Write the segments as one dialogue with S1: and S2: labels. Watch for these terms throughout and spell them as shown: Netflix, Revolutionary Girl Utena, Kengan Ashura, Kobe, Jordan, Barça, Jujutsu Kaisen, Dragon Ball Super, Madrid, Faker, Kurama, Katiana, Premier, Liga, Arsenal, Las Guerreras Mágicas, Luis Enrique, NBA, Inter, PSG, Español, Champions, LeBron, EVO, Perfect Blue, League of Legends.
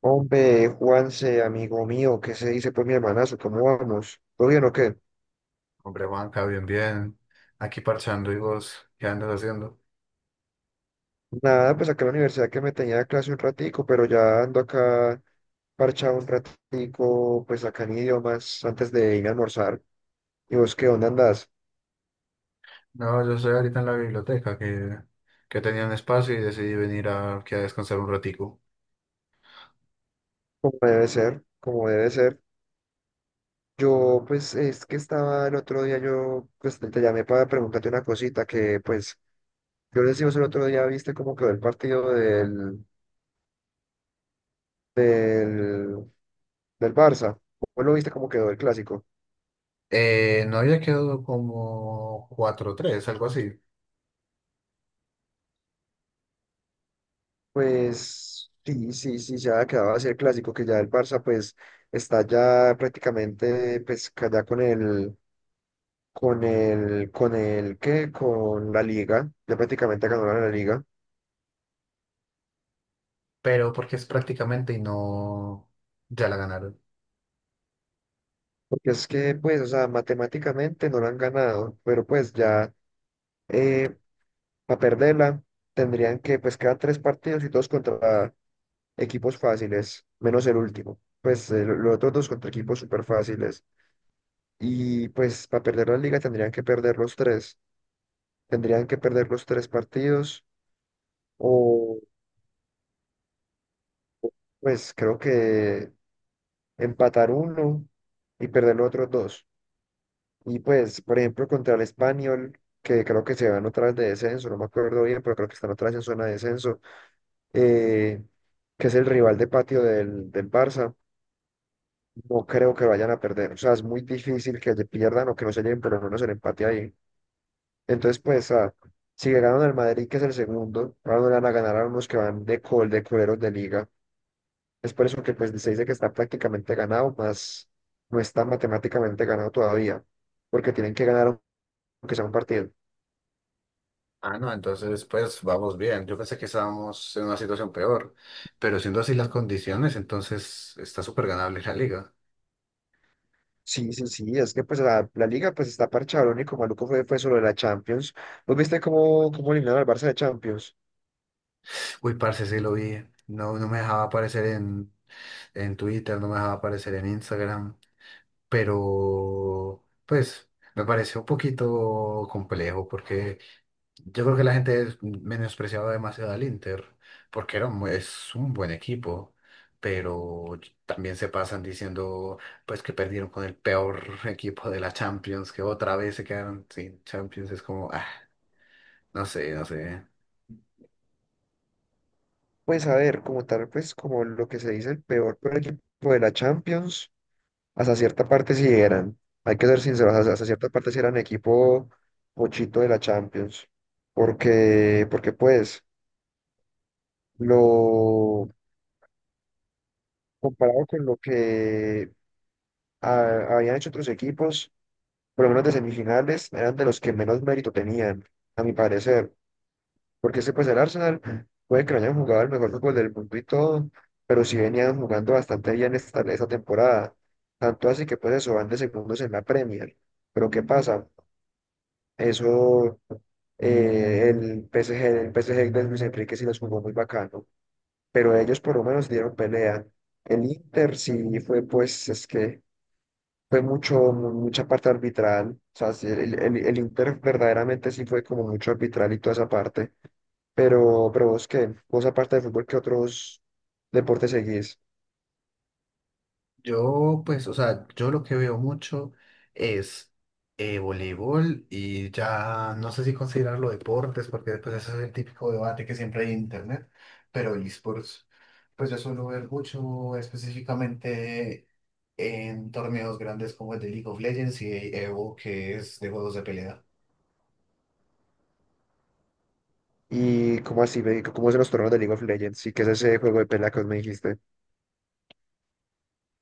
S1: Hombre, Juanse, amigo mío, ¿qué se dice? Pues mi hermanazo, ¿cómo vamos? ¿Todo bien o qué?
S2: Hombre, Juanca, bien, bien. Aquí parchando y vos, ¿qué andas haciendo?
S1: Nada, pues acá en la universidad que me tenía clase un ratico, pero ya ando acá parchado un ratico, pues acá en idiomas, antes de irme a almorzar. ¿Y vos qué onda andás?
S2: No, yo estoy ahorita en la biblioteca que tenía un espacio y decidí venir aquí a descansar un ratico.
S1: Como debe ser, como debe ser. Yo, pues, es que estaba el otro día, yo, pues, te llamé para preguntarte una cosita que, pues, yo les decimos el otro día, ¿viste cómo quedó el partido del, del Barça? ¿Vos lo viste cómo quedó el clásico?
S2: No había quedado como cuatro tres, algo así,
S1: Pues sí, sí, sí, ya quedaba así el clásico, que ya el Barça pues está ya prácticamente pues ya con el, ¿qué? Con la Liga, ya prácticamente ganaron la Liga,
S2: pero porque es prácticamente y no, ya la ganaron.
S1: porque es que pues, o sea, matemáticamente no la han ganado, pero pues ya para perderla tendrían que pues quedar tres partidos y todos contra equipos fáciles, menos el último, pues los otros dos contra equipos súper fáciles, y pues para perder la Liga tendrían que perder los tres. Tendrían que perder los tres partidos o pues creo que empatar uno y perder los otros dos. Y pues, por ejemplo, contra el Español, que creo que se van otra vez de descenso, no me acuerdo bien, pero creo que están otra vez en zona de descenso, eh, que es el rival de patio del Barça, no creo que vayan a perder. O sea, es muy difícil que le pierdan o que no se lleven por lo menos el empate ahí. Entonces, pues, si le ganan al Madrid, que es el segundo, ahora no le van a ganar a unos que van de de coleros de liga. Es por eso que pues se dice que está prácticamente ganado, más no está matemáticamente ganado todavía, porque tienen que ganar aunque sea un partido.
S2: Ah, no, entonces pues vamos bien. Yo pensé que estábamos en una situación peor, pero siendo así las condiciones, entonces está súper ganable la liga.
S1: Sí, sí, sí, es que pues la liga pues está parchada, lo único maluco fue solo la Champions. ¿Vos viste cómo eliminaron al Barça de Champions?
S2: Uy, parce, sí lo vi. No, no me dejaba aparecer en Twitter, no me dejaba aparecer en Instagram, pero pues me pareció un poquito complejo porque yo creo que menospreciaba demasiado al Inter, porque es un buen equipo, pero también se pasan diciendo pues que perdieron con el peor equipo de la Champions, que otra vez se quedaron sin Champions, es como, ah, no sé, no sé.
S1: Pues a ver, como tal, pues como lo que se dice, el peor equipo de la Champions, hasta cierta parte sí eran, hay que ser sinceros, hasta cierta parte sí eran equipo pochito de la Champions, porque pues lo comparado con lo que habían hecho otros equipos, por lo menos de semifinales, eran de los que menos mérito tenían, a mi parecer. Porque ese, pues el Arsenal, puede que no hayan jugado el mejor fútbol del mundo y todo, pero sí venían jugando bastante bien esta temporada. Tanto así que, pues eso, van de segundos en la Premier. Pero ¿qué pasa? Eso, el P S PSG, el PSG de Luis Enrique sí los jugó muy bacano, pero ellos por lo menos dieron pelea. El Inter sí fue, pues, es que fue mucho, mucha parte arbitral, o sea, sí, el Inter verdaderamente sí fue como mucho arbitral y toda esa parte, pero vos qué, vos aparte de fútbol, ¿qué otros deportes seguís?
S2: Yo, pues, o sea, yo lo que veo mucho es voleibol y ya no sé si considerarlo deportes, porque después ese es el típico debate que siempre hay en internet, pero esports, pues yo suelo ver mucho específicamente en torneos grandes como el de League of Legends y de EVO, que es de juegos de pelea.
S1: Y cómo así, cómo es los torneos de League of Legends, sí, que es ese juego de pelea que vos me dijiste.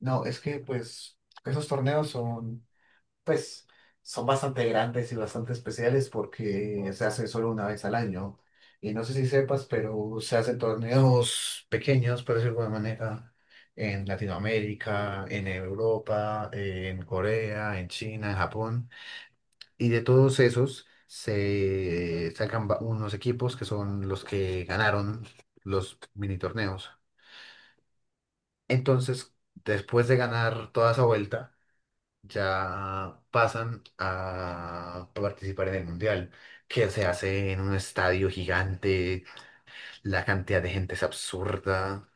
S2: No, es que pues esos torneos son pues son bastante grandes y bastante especiales porque se hace solo una vez al año. Y no sé si sepas, pero se hacen torneos pequeños, por decirlo de alguna manera, en Latinoamérica, en Europa, en Corea, en China, en Japón. Y de todos esos se sacan unos equipos que son los que ganaron los mini torneos. Entonces, después de ganar toda esa vuelta, ya pasan a participar en el mundial, que se hace en un estadio gigante, la cantidad de gente es absurda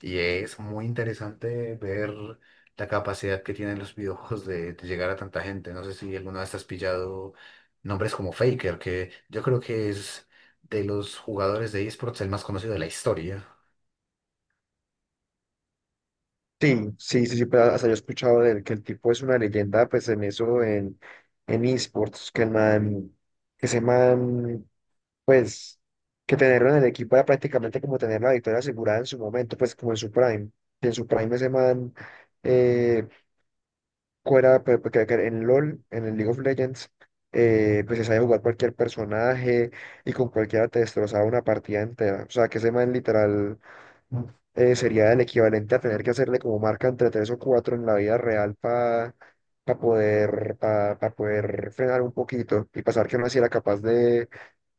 S2: y es muy interesante ver la capacidad que tienen los videojuegos de llegar a tanta gente. No sé si alguna vez has pillado nombres como Faker, que yo creo que es de los jugadores de esports el más conocido de la historia.
S1: Sí, sí, sí, sí, pero hasta yo he escuchado de él, que el tipo es una leyenda, pues en eso, en esports, que el man, que ese man pues que tenerlo en el equipo era prácticamente como tener la victoria asegurada en su momento, pues como en su prime. Y en su prime ese man, eh, fuera, que en LOL, en el League of Legends, pues se sabe jugar cualquier personaje y con cualquiera te destrozaba una partida entera. O sea, que ese man literal sería el equivalente a tener que hacerle como marca entre tres o cuatro en la vida real para para poder frenar un poquito y pasar que no así era capaz de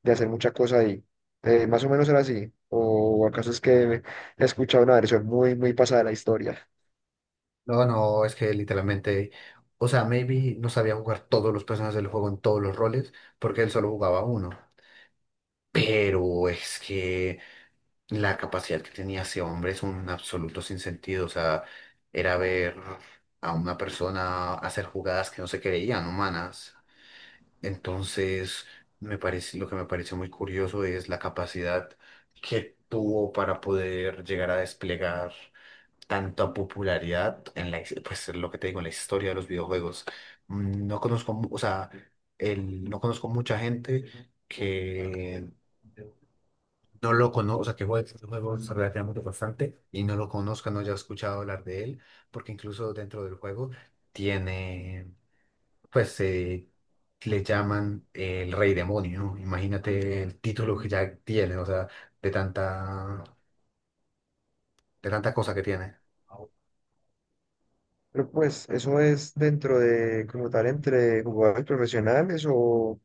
S1: hacer mucha cosa ahí. Más o menos era así. ¿O acaso es que he escuchado una versión muy, muy pasada de la historia?
S2: No, no, es que literalmente, o sea, maybe no sabía jugar todos los personajes del juego en todos los roles, porque él solo jugaba uno. Pero es que la capacidad que tenía ese hombre es un absoluto sinsentido. O sea, era ver a una persona hacer jugadas que no se creían humanas. Entonces, me parece, lo que me pareció muy curioso es la capacidad que tuvo para poder llegar a desplegar tanta popularidad en pues lo que te digo, en la historia de los videojuegos. No conozco, o sea, no conozco mucha gente que no lo conozca, o sea, que juegue este juego relativamente bastante y no lo conozca, no haya escuchado hablar de él, porque incluso dentro del juego tiene, pues, le llaman el Rey Demonio. Imagínate el título que ya tiene, o sea, de tanta, de tanta cosa que tiene.
S1: Pero pues, ¿eso es dentro de, como tal, entre jugadores profesionales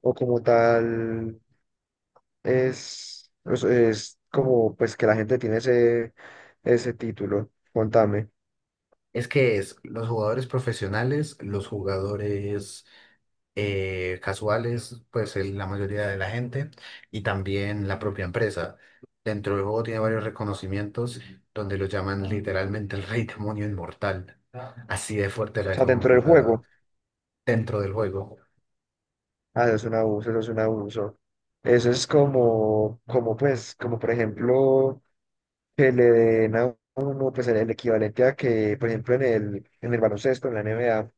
S1: o como tal es como pues que la gente tiene ese título? Contame. O
S2: Es que es los jugadores profesionales, los jugadores casuales, pues la mayoría de la gente, y también la propia empresa. Dentro del juego tiene varios reconocimientos donde lo llaman literalmente el rey demonio inmortal. Así de fuerte era
S1: sea,
S2: ese
S1: dentro
S2: hombre, o
S1: del
S2: sea,
S1: juego.
S2: dentro del juego.
S1: Ah, eso es un abuso, eso es un abuso. Eso es como, como pues, como por ejemplo, que le den a uno pues el equivalente a que, por ejemplo, en el baloncesto, en la NBA,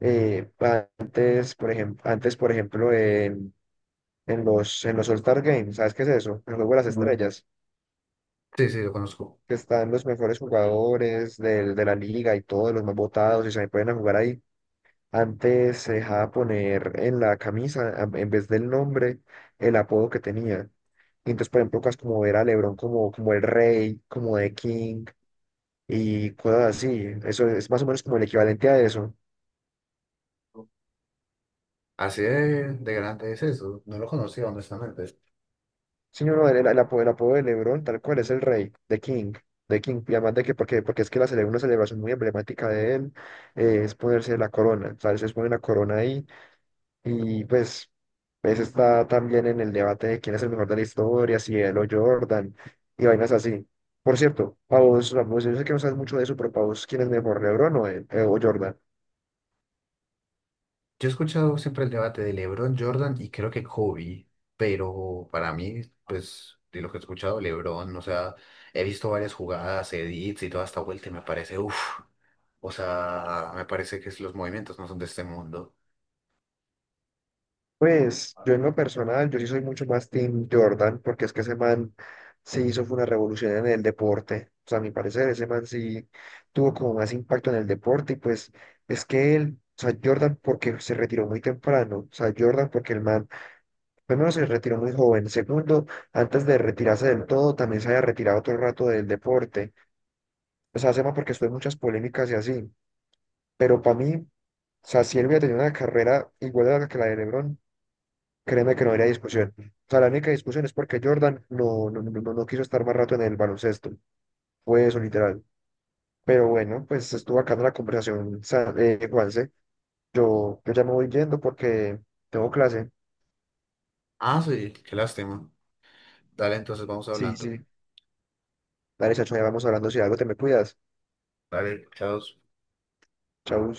S1: eh, antes, por ejemplo, en, en los All-Star Games, ¿sabes qué es eso? El juego de las Ujú estrellas,
S2: Sí, sí, lo conozco.
S1: que están los mejores jugadores del, de la liga y todos los más votados y se pueden a jugar ahí. Antes se dejaba poner en la camisa, en vez del nombre, el apodo que tenía. Y entonces, por ejemplo, cosas como ver a LeBron como, como el rey, como The King, y cosas así. Eso es más o menos como el equivalente a eso.
S2: Así de grande es eso. No lo conocía, honestamente.
S1: Sí, no, no, el, el apodo de LeBron, tal cual, es el rey, The King, The King. Y además de que, porque, porque es que una celebración muy emblemática de él es ponerse la corona, ¿sabes? Es poner la corona ahí y pues, pues está también en el debate de quién es el mejor de la historia, si él o Jordan y vainas así. Por cierto, para vos, a vos, yo sé que no sabes mucho de eso, pero para vos, ¿quién es mejor, LeBron o, o Jordan?
S2: Yo he escuchado siempre el debate de LeBron, Jordan y creo que Kobe, pero para mí, pues, de lo que he escuchado, LeBron, o sea, he visto varias jugadas, edits y toda esta vuelta y me parece, uff, o sea, me parece los movimientos no son de este mundo.
S1: Pues yo en lo personal, yo sí soy mucho más Team Jordan, porque es que ese man se hizo fue una revolución en el deporte. O sea, a mi parecer, ese man sí tuvo como más impacto en el deporte y pues es que él, o sea, Jordan porque se retiró muy temprano, o sea, Jordan porque el man, primero se retiró muy joven, segundo, antes de retirarse del todo, también se había retirado otro rato del deporte. O sea, ese man porque estuvo en muchas polémicas y así, pero para mí, o sea, si él hubiera tenido una carrera igual a la que la de LeBron, créeme que no habría discusión. O sea, la única discusión es porque Jordan no quiso estar más rato en el baloncesto. Fue eso, literal. Pero bueno, pues estuvo acá en la conversación, Juanse. Yo ya me voy yendo porque tengo clase.
S2: Ah, sí, qué lástima. Dale, entonces vamos
S1: Sí,
S2: hablando.
S1: sí. Dale, chacho, ya vamos hablando. Si algo te me cuidas.
S2: Dale, chao.
S1: Chau.